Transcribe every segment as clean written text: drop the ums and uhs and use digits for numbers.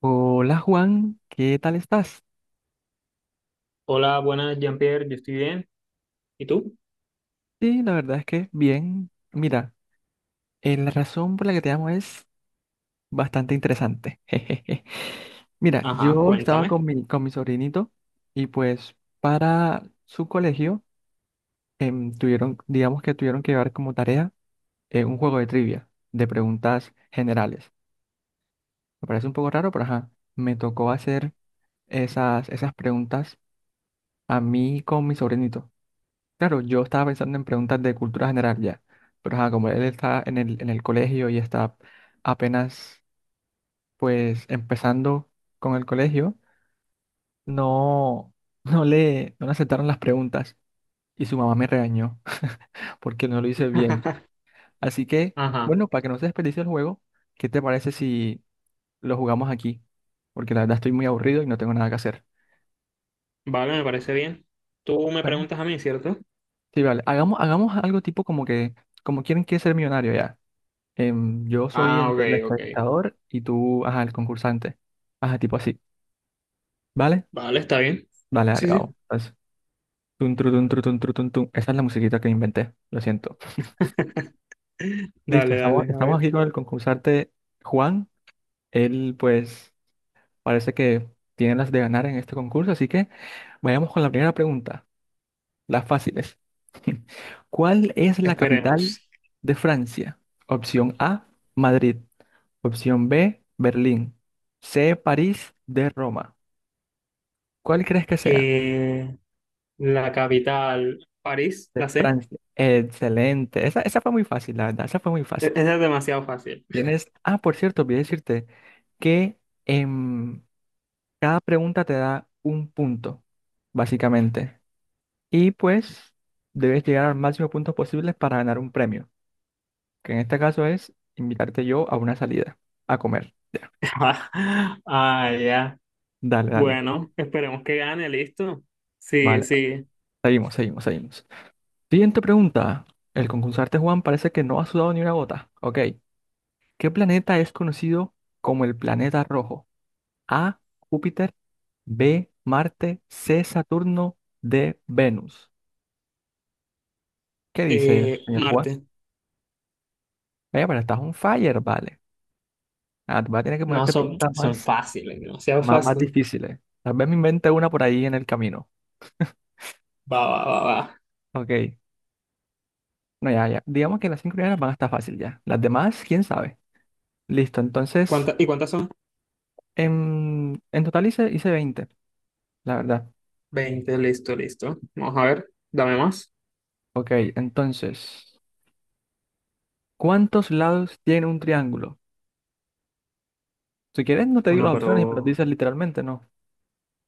Hola Juan, ¿qué tal estás? Hola, buenas, Jean-Pierre, yo estoy bien. ¿Y tú? Sí, la verdad es que bien. Mira, la razón por la que te llamo es bastante interesante. Jejeje. Mira, Ajá, yo estaba cuéntame. con mi sobrinito y pues para su colegio tuvieron, digamos que tuvieron que llevar como tarea un juego de trivia, de preguntas generales. Me parece un poco raro, pero ajá, me tocó hacer esas preguntas a mí con mi sobrinito. Claro, yo estaba pensando en preguntas de cultura general ya, pero ajá, como él está en el colegio y está apenas pues empezando con el colegio, no, no le aceptaron las preguntas y su mamá me regañó porque no lo hice bien. Así que, Ajá, bueno, para que no se desperdicie el juego, ¿qué te parece si lo jugamos aquí? Porque la verdad estoy muy aburrido y no tengo nada que hacer. vale, me parece bien. Tú me Bueno, preguntas a mí, ¿cierto? sí, vale, hagamos algo tipo como que, como quieren que ser millonario ya. Yo soy Ah, el, ok, el ok. entrevistador y tú, ajá, el concursante. Ajá, tipo así. ¿Vale? Vale, está bien. Vale, dale, Sí, sí. vamos. Entonces, tun, tru, tun, tru, tun, tru, tun, tun. Esa es la musiquita que inventé, lo siento. Listo, Dale, estamos, dale, a estamos ver, aquí con el concursante Juan. Él, pues, parece que tiene las de ganar en este concurso, así que vayamos con la primera pregunta. Las fáciles. ¿Cuál es la capital esperemos. de Francia? Opción A, Madrid. Opción B, Berlín. C, París. D, Roma. ¿Cuál crees que sea? Eh, la capital, París, De la sé. Francia. Excelente. Esa fue muy fácil, la verdad. Esa fue muy fácil. Esa es demasiado fácil. Tienes. Ah, por cierto, olvidé decirte que em, cada pregunta te da un punto, básicamente. Y pues debes llegar al máximo de puntos posibles para ganar un premio, que en este caso es invitarte yo a una salida, a comer. Ya, Ah, ya. dale, dale. Bueno, esperemos que gane, listo. Sigue, Vale, sigue. seguimos, seguimos, seguimos. Siguiente pregunta. El concursante Juan parece que no ha sudado ni una gota. Ok. ¿Qué planeta es conocido como el planeta rojo? A, Júpiter. B, Marte. C, Saturno. D, Venus. ¿Qué dice el señor Juan? Marte. Vaya, pero estás un fire, vale. Ah, te voy a tener que No, moverte son, preguntas son más, fáciles, demasiado más, más fácil. difíciles. Tal vez me invente una por ahí en el camino. Va, va, va, va. Ok. No, ya, ya. Digamos que las cinco primeras van a estar fácil ya. Las demás, quién sabe. Listo, entonces, ¿Y cuántas son? en total hice 20, la verdad. 20 listo, listo. Vamos a ver, dame más. Ok, entonces, ¿cuántos lados tiene un triángulo? Si quieres, no te digo Bueno, las opciones y me las pero dices literalmente, no.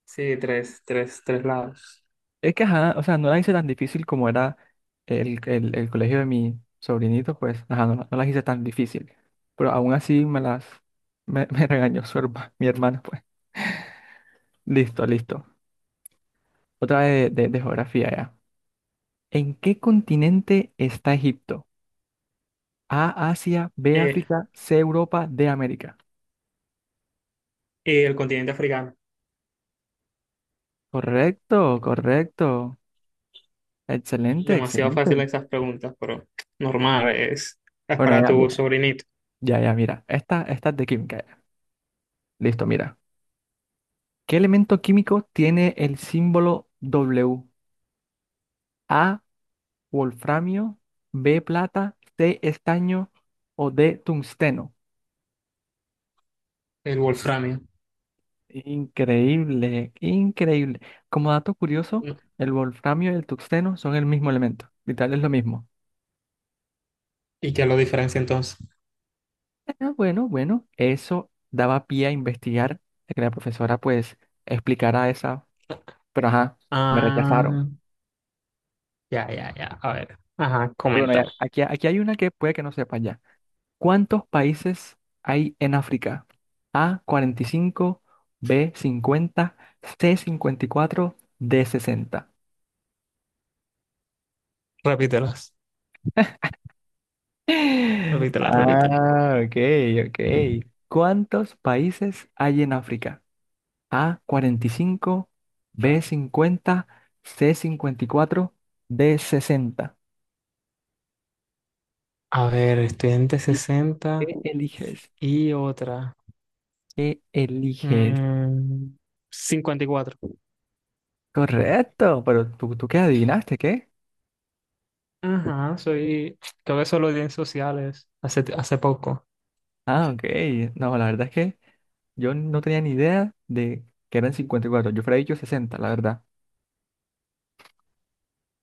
sí, tres, tres, tres lados. Es que, ajá, o sea, no la hice tan difícil como era el colegio de mi sobrinito, pues, ajá, no, no las hice tan difícil. Pero aún así me regañó mi hermano, pues. Listo, listo. Otra de geografía, ya. ¿En qué continente está Egipto? A, Asia. B, Eh, África. C, Europa. D, América. y el continente africano. Correcto, correcto. Excelente, Demasiado excelente. fácil esas preguntas, pero normal, es Bueno, para ya, tu mira, sobrinito. ya, ya, mira. Esta es de química, ya. Listo, mira. ¿Qué elemento químico tiene el símbolo W? A, wolframio. B, plata. C, estaño. O D, tungsteno. El wolframio. Increíble, increíble. Como dato curioso, el wolframio y el tungsteno son el mismo elemento. Literal es lo mismo. ¿Y qué lo diferencia entonces? Ah, bueno, bueno, eso daba pie a investigar, a que la profesora pues explicara esa, pero ajá, me rechazaron. Ah, ya, ya, ya. A ver, ajá, Y bueno, coméntame. aquí hay una que puede que no sepa ya. ¿Cuántos países hay en África? A, 45. B, 50. C, 54. D, 60. Repítelas, repítelas, repítelas. Ah, ok, ok. ¿Cuántos países hay en África? A, 45. B, 50. C, 54. D, 60. A ver, estudiante Elige- 60 ¿Qué eliges? y otra. ¿Qué eliges? Mm, cincuenta y cuatro. Correcto, pero ¿tú qué adivinaste? ¿Qué? Ajá, soy, creo que solo di en sociales hace poco. Ah, ok. No, la verdad es que yo no tenía ni idea de que eran 54. Yo hubiera dicho 60, la verdad.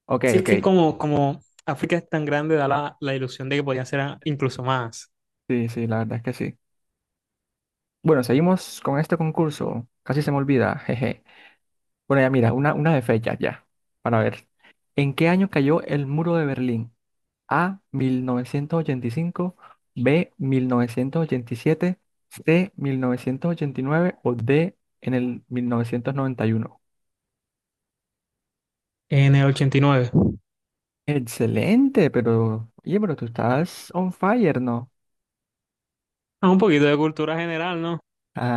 Ok, Sí, es que ok. como África es tan grande, da la ilusión de que podía ser incluso más. Sí, sí, la verdad es que sí. Bueno, seguimos con este concurso. Casi se me olvida, jeje. Bueno, ya mira, una de fechas ya, para ver. ¿En qué año cayó el muro de Berlín? A, 1985. B, 1987. C, 1989. O D, en el 1991. En el 89. Excelente, pero, oye, pero tú estás on fire, ¿no? Ah, un poquito de cultura general, ¿no?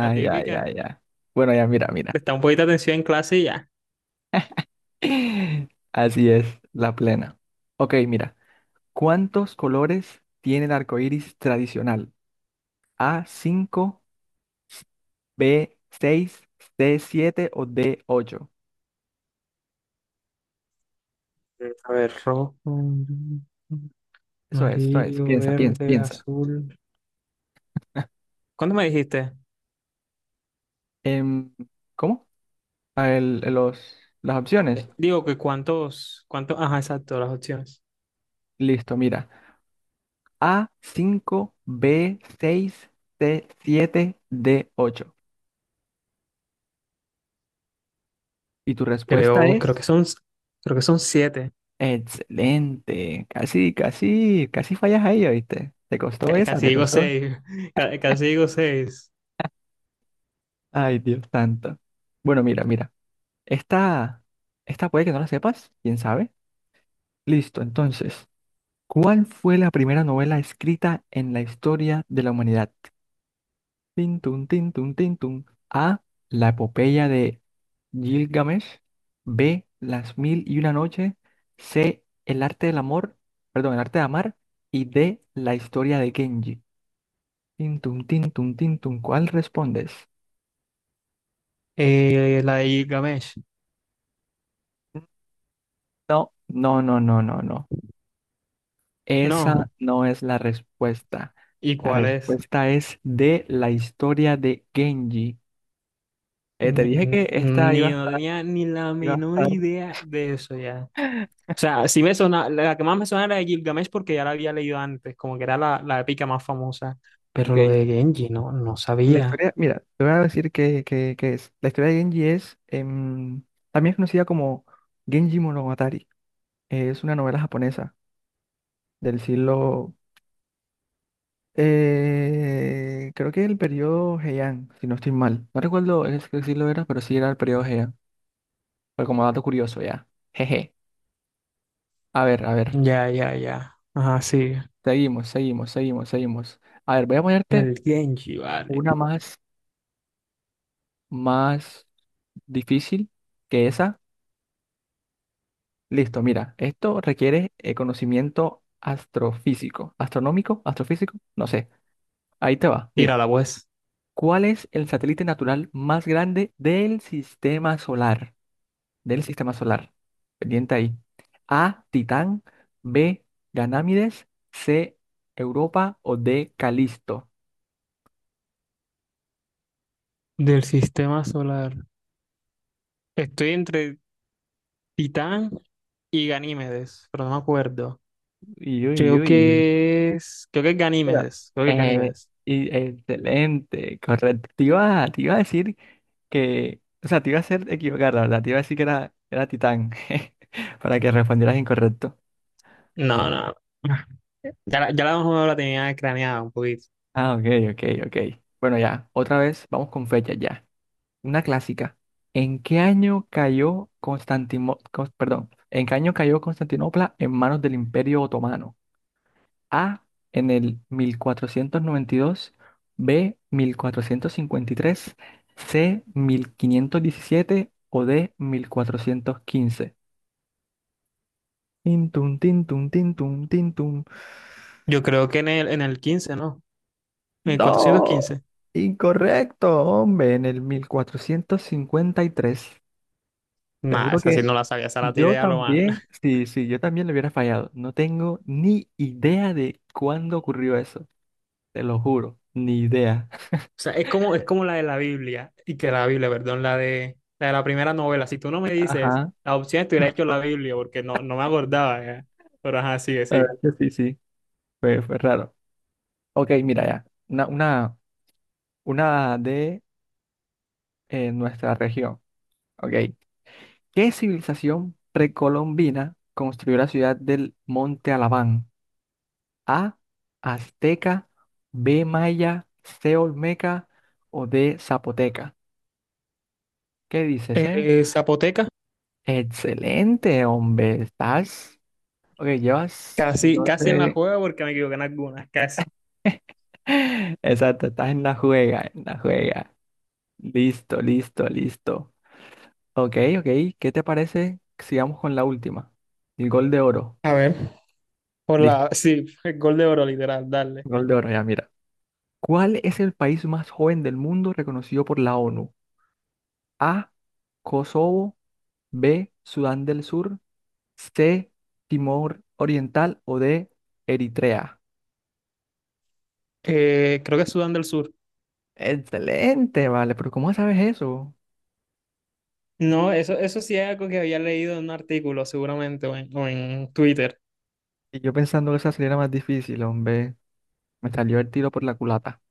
La ay, típica. ay, ay. Bueno, ya, mira, mira. Presta un poquito de atención en clase y ya. Así es, la plena. Ok, mira. ¿Cuántos colores tiene el arco iris tradicional? A, cinco. B, seis. C, siete. O D, ocho. A ver, rojo, Eso es, eso es. amarillo, Piensa, piensa, verde, piensa. azul. ¿Cuánto me dijiste? Em, ¿Cómo? A los, las opciones. Digo que cuántos, ajá, exacto, las opciones. Listo, mira. A, cinco. B, seis. C, siete. D, ocho. Y tu respuesta Creo, creo es que son, creo que son siete. excelente. Casi, casi, casi fallas ahí, ¿oíste? ¿Te costó Ca- esa? casi ¿Te digo costó? seis, ca- casi digo seis. Ay, Dios santo. Bueno, mira, mira. Esta, esta puede que no la sepas, quién sabe. Listo, entonces. ¿Cuál fue la primera novela escrita en la historia de la humanidad? Tin, tun, tin, tun, tin, tun. A. La epopeya de Gilgamesh. B. Las mil y una noche. C. El arte del amor. Perdón, el arte de amar. Y D. La historia de Kenji. Tin, tun, tin, tun, tin, tun. ¿Cuál respondes? La de Gilgamesh. No, no, no, no, no, no. No. Esa no es la respuesta. ¿Y La cuál es? respuesta es de la historia de Genji. Te Ni, dije que esta no tenía ni la iba a menor estar, idea de eso ya. O sea, sí me sona, la que más me sonaba era de Gilgamesh porque ya la había leído antes, como que era la épica más famosa. Pero lo ok. de Genji, no, no La sabía. historia, mira, te voy a decir qué es. La historia de Genji es, también es conocida como Genji Monogatari. Es una novela japonesa del siglo, creo que el periodo Heian, si no estoy mal. No recuerdo qué siglo era, pero sí era el periodo Heian. Fue como dato curioso ya. Jeje. A ver, a ver. Ya, ya, ya. Ajá, sí. Seguimos, seguimos, seguimos, seguimos. A ver, voy a ponerte El Genji, vale. una más, más difícil que esa. Listo, mira, esto requiere conocimiento astrofísico, astronómico, astrofísico, no sé. Ahí te va. Mira, Tírala, pues. ¿cuál es el satélite natural más grande del sistema solar? Del sistema solar. Pendiente ahí. A, Titán. B, Ganámides. C, Europa. O D, Calisto. Del sistema solar. Estoy entre Titán y Ganímedes, pero no me acuerdo. Uy, uy, Creo uy. que es. Creo que es Espera. Ganímedes. Creo que es Eh, Ganímedes. Excelente, correcto. Te iba a decir que, o sea, te iba a hacer equivocar, la verdad, te iba a decir que era Titán, para que respondieras incorrecto. No, no. Ya, ya la más o menos la tenía craneada un poquito. Ah, ok, ok, ok. Bueno, ya, otra vez, vamos con fechas ya. Una clásica. ¿En qué año cayó perdón, en qué año cayó Constantinopla en manos del Imperio Otomano? A, en el 1492. B, 1453. C, 1517. O D, 1415. Tintum, tintum, tintum, tintum. Yo creo que en el quince, ¿no? En el cuatrocientos No, quince incorrecto, hombre, en el 1453. Te Nada, juro esa sí que no la sabía, esa la yo tiré a lo mal. también, sí, sí, yo también le hubiera fallado. No tengo ni idea de cuándo ocurrió eso, te lo juro, ni idea. O sea, es como la de la Biblia, y que la Biblia, perdón, la de la primera novela. Si tú no me dices Ajá, la opción, te hubiera hecho la Biblia, porque no, no me acordaba ya. Pero ajá, sigue, la verdad sí. que sí, sí, fue raro. Ok, mira ya, una de nuestra región. Ok, ¿qué civilización precolombina construyó la ciudad del Monte Alabán? A, azteca. B, maya. C, olmeca. O D, zapoteca. ¿Qué dices, eh? Zapoteca, Excelente, hombre. Estás, ok, llevas, casi, no casi en la sé, juega porque me equivoqué en algunas, casi. exacto, estás en la juega, en la juega. Listo, listo, listo. Ok, ok, ¿qué te parece? Sigamos con la última. El gol de oro. A ver. Listo, Sí, el gol de oro, literal, darle. gol de oro, ya mira. ¿Cuál es el país más joven del mundo reconocido por la ONU? A, Kosovo. B, Sudán del Sur. C, Timor Oriental. O D, Eritrea. Creo que es Sudán del Sur. Excelente, vale, pero ¿cómo sabes eso? No, eso sí es algo que había leído en un artículo, seguramente, o en Twitter. Y yo pensando que esa sería la más difícil, hombre. Me salió el tiro por la culata.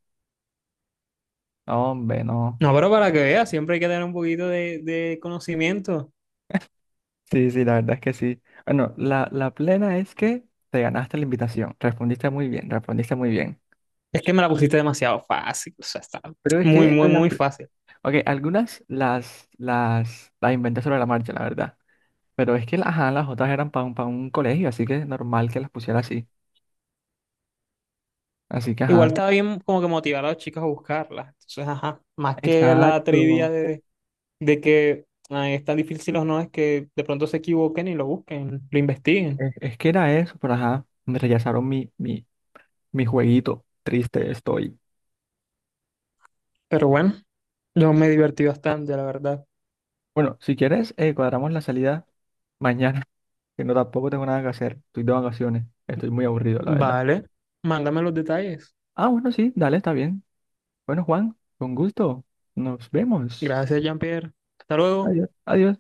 No, hombre, no. No, pero para que veas, siempre hay que tener un poquito de conocimiento. Sí, sí, la verdad es que sí. Bueno, la plena es que te ganaste la invitación. Respondiste muy bien, respondiste muy bien. Es que me la pusiste demasiado fácil, o sea, está Pero es muy, que muy, muy fácil. ok, algunas las inventé sobre la marcha, la verdad. Pero es que ajá, las otras eran para un colegio, así que es normal que las pusiera así. Así que, Igual ajá, estaba bien como que motivar a los chicos a buscarla. Entonces, ajá, más que la trivia exacto. de que ay, es tan difícil o no, es que de pronto se equivoquen y lo busquen, lo investiguen. Es que era eso, pero ajá, me rechazaron mi, mi jueguito. Triste estoy. Pero bueno, yo me divertí bastante, la verdad. Bueno, si quieres, cuadramos la salida mañana, que no tampoco tengo nada que hacer. Estoy de vacaciones. Estoy muy aburrido, la verdad. Vale, mándame los detalles. Ah, bueno, sí, dale, está bien. Bueno, Juan, con gusto. Nos vemos. Gracias, Jean-Pierre. Hasta luego. Adiós. Adiós.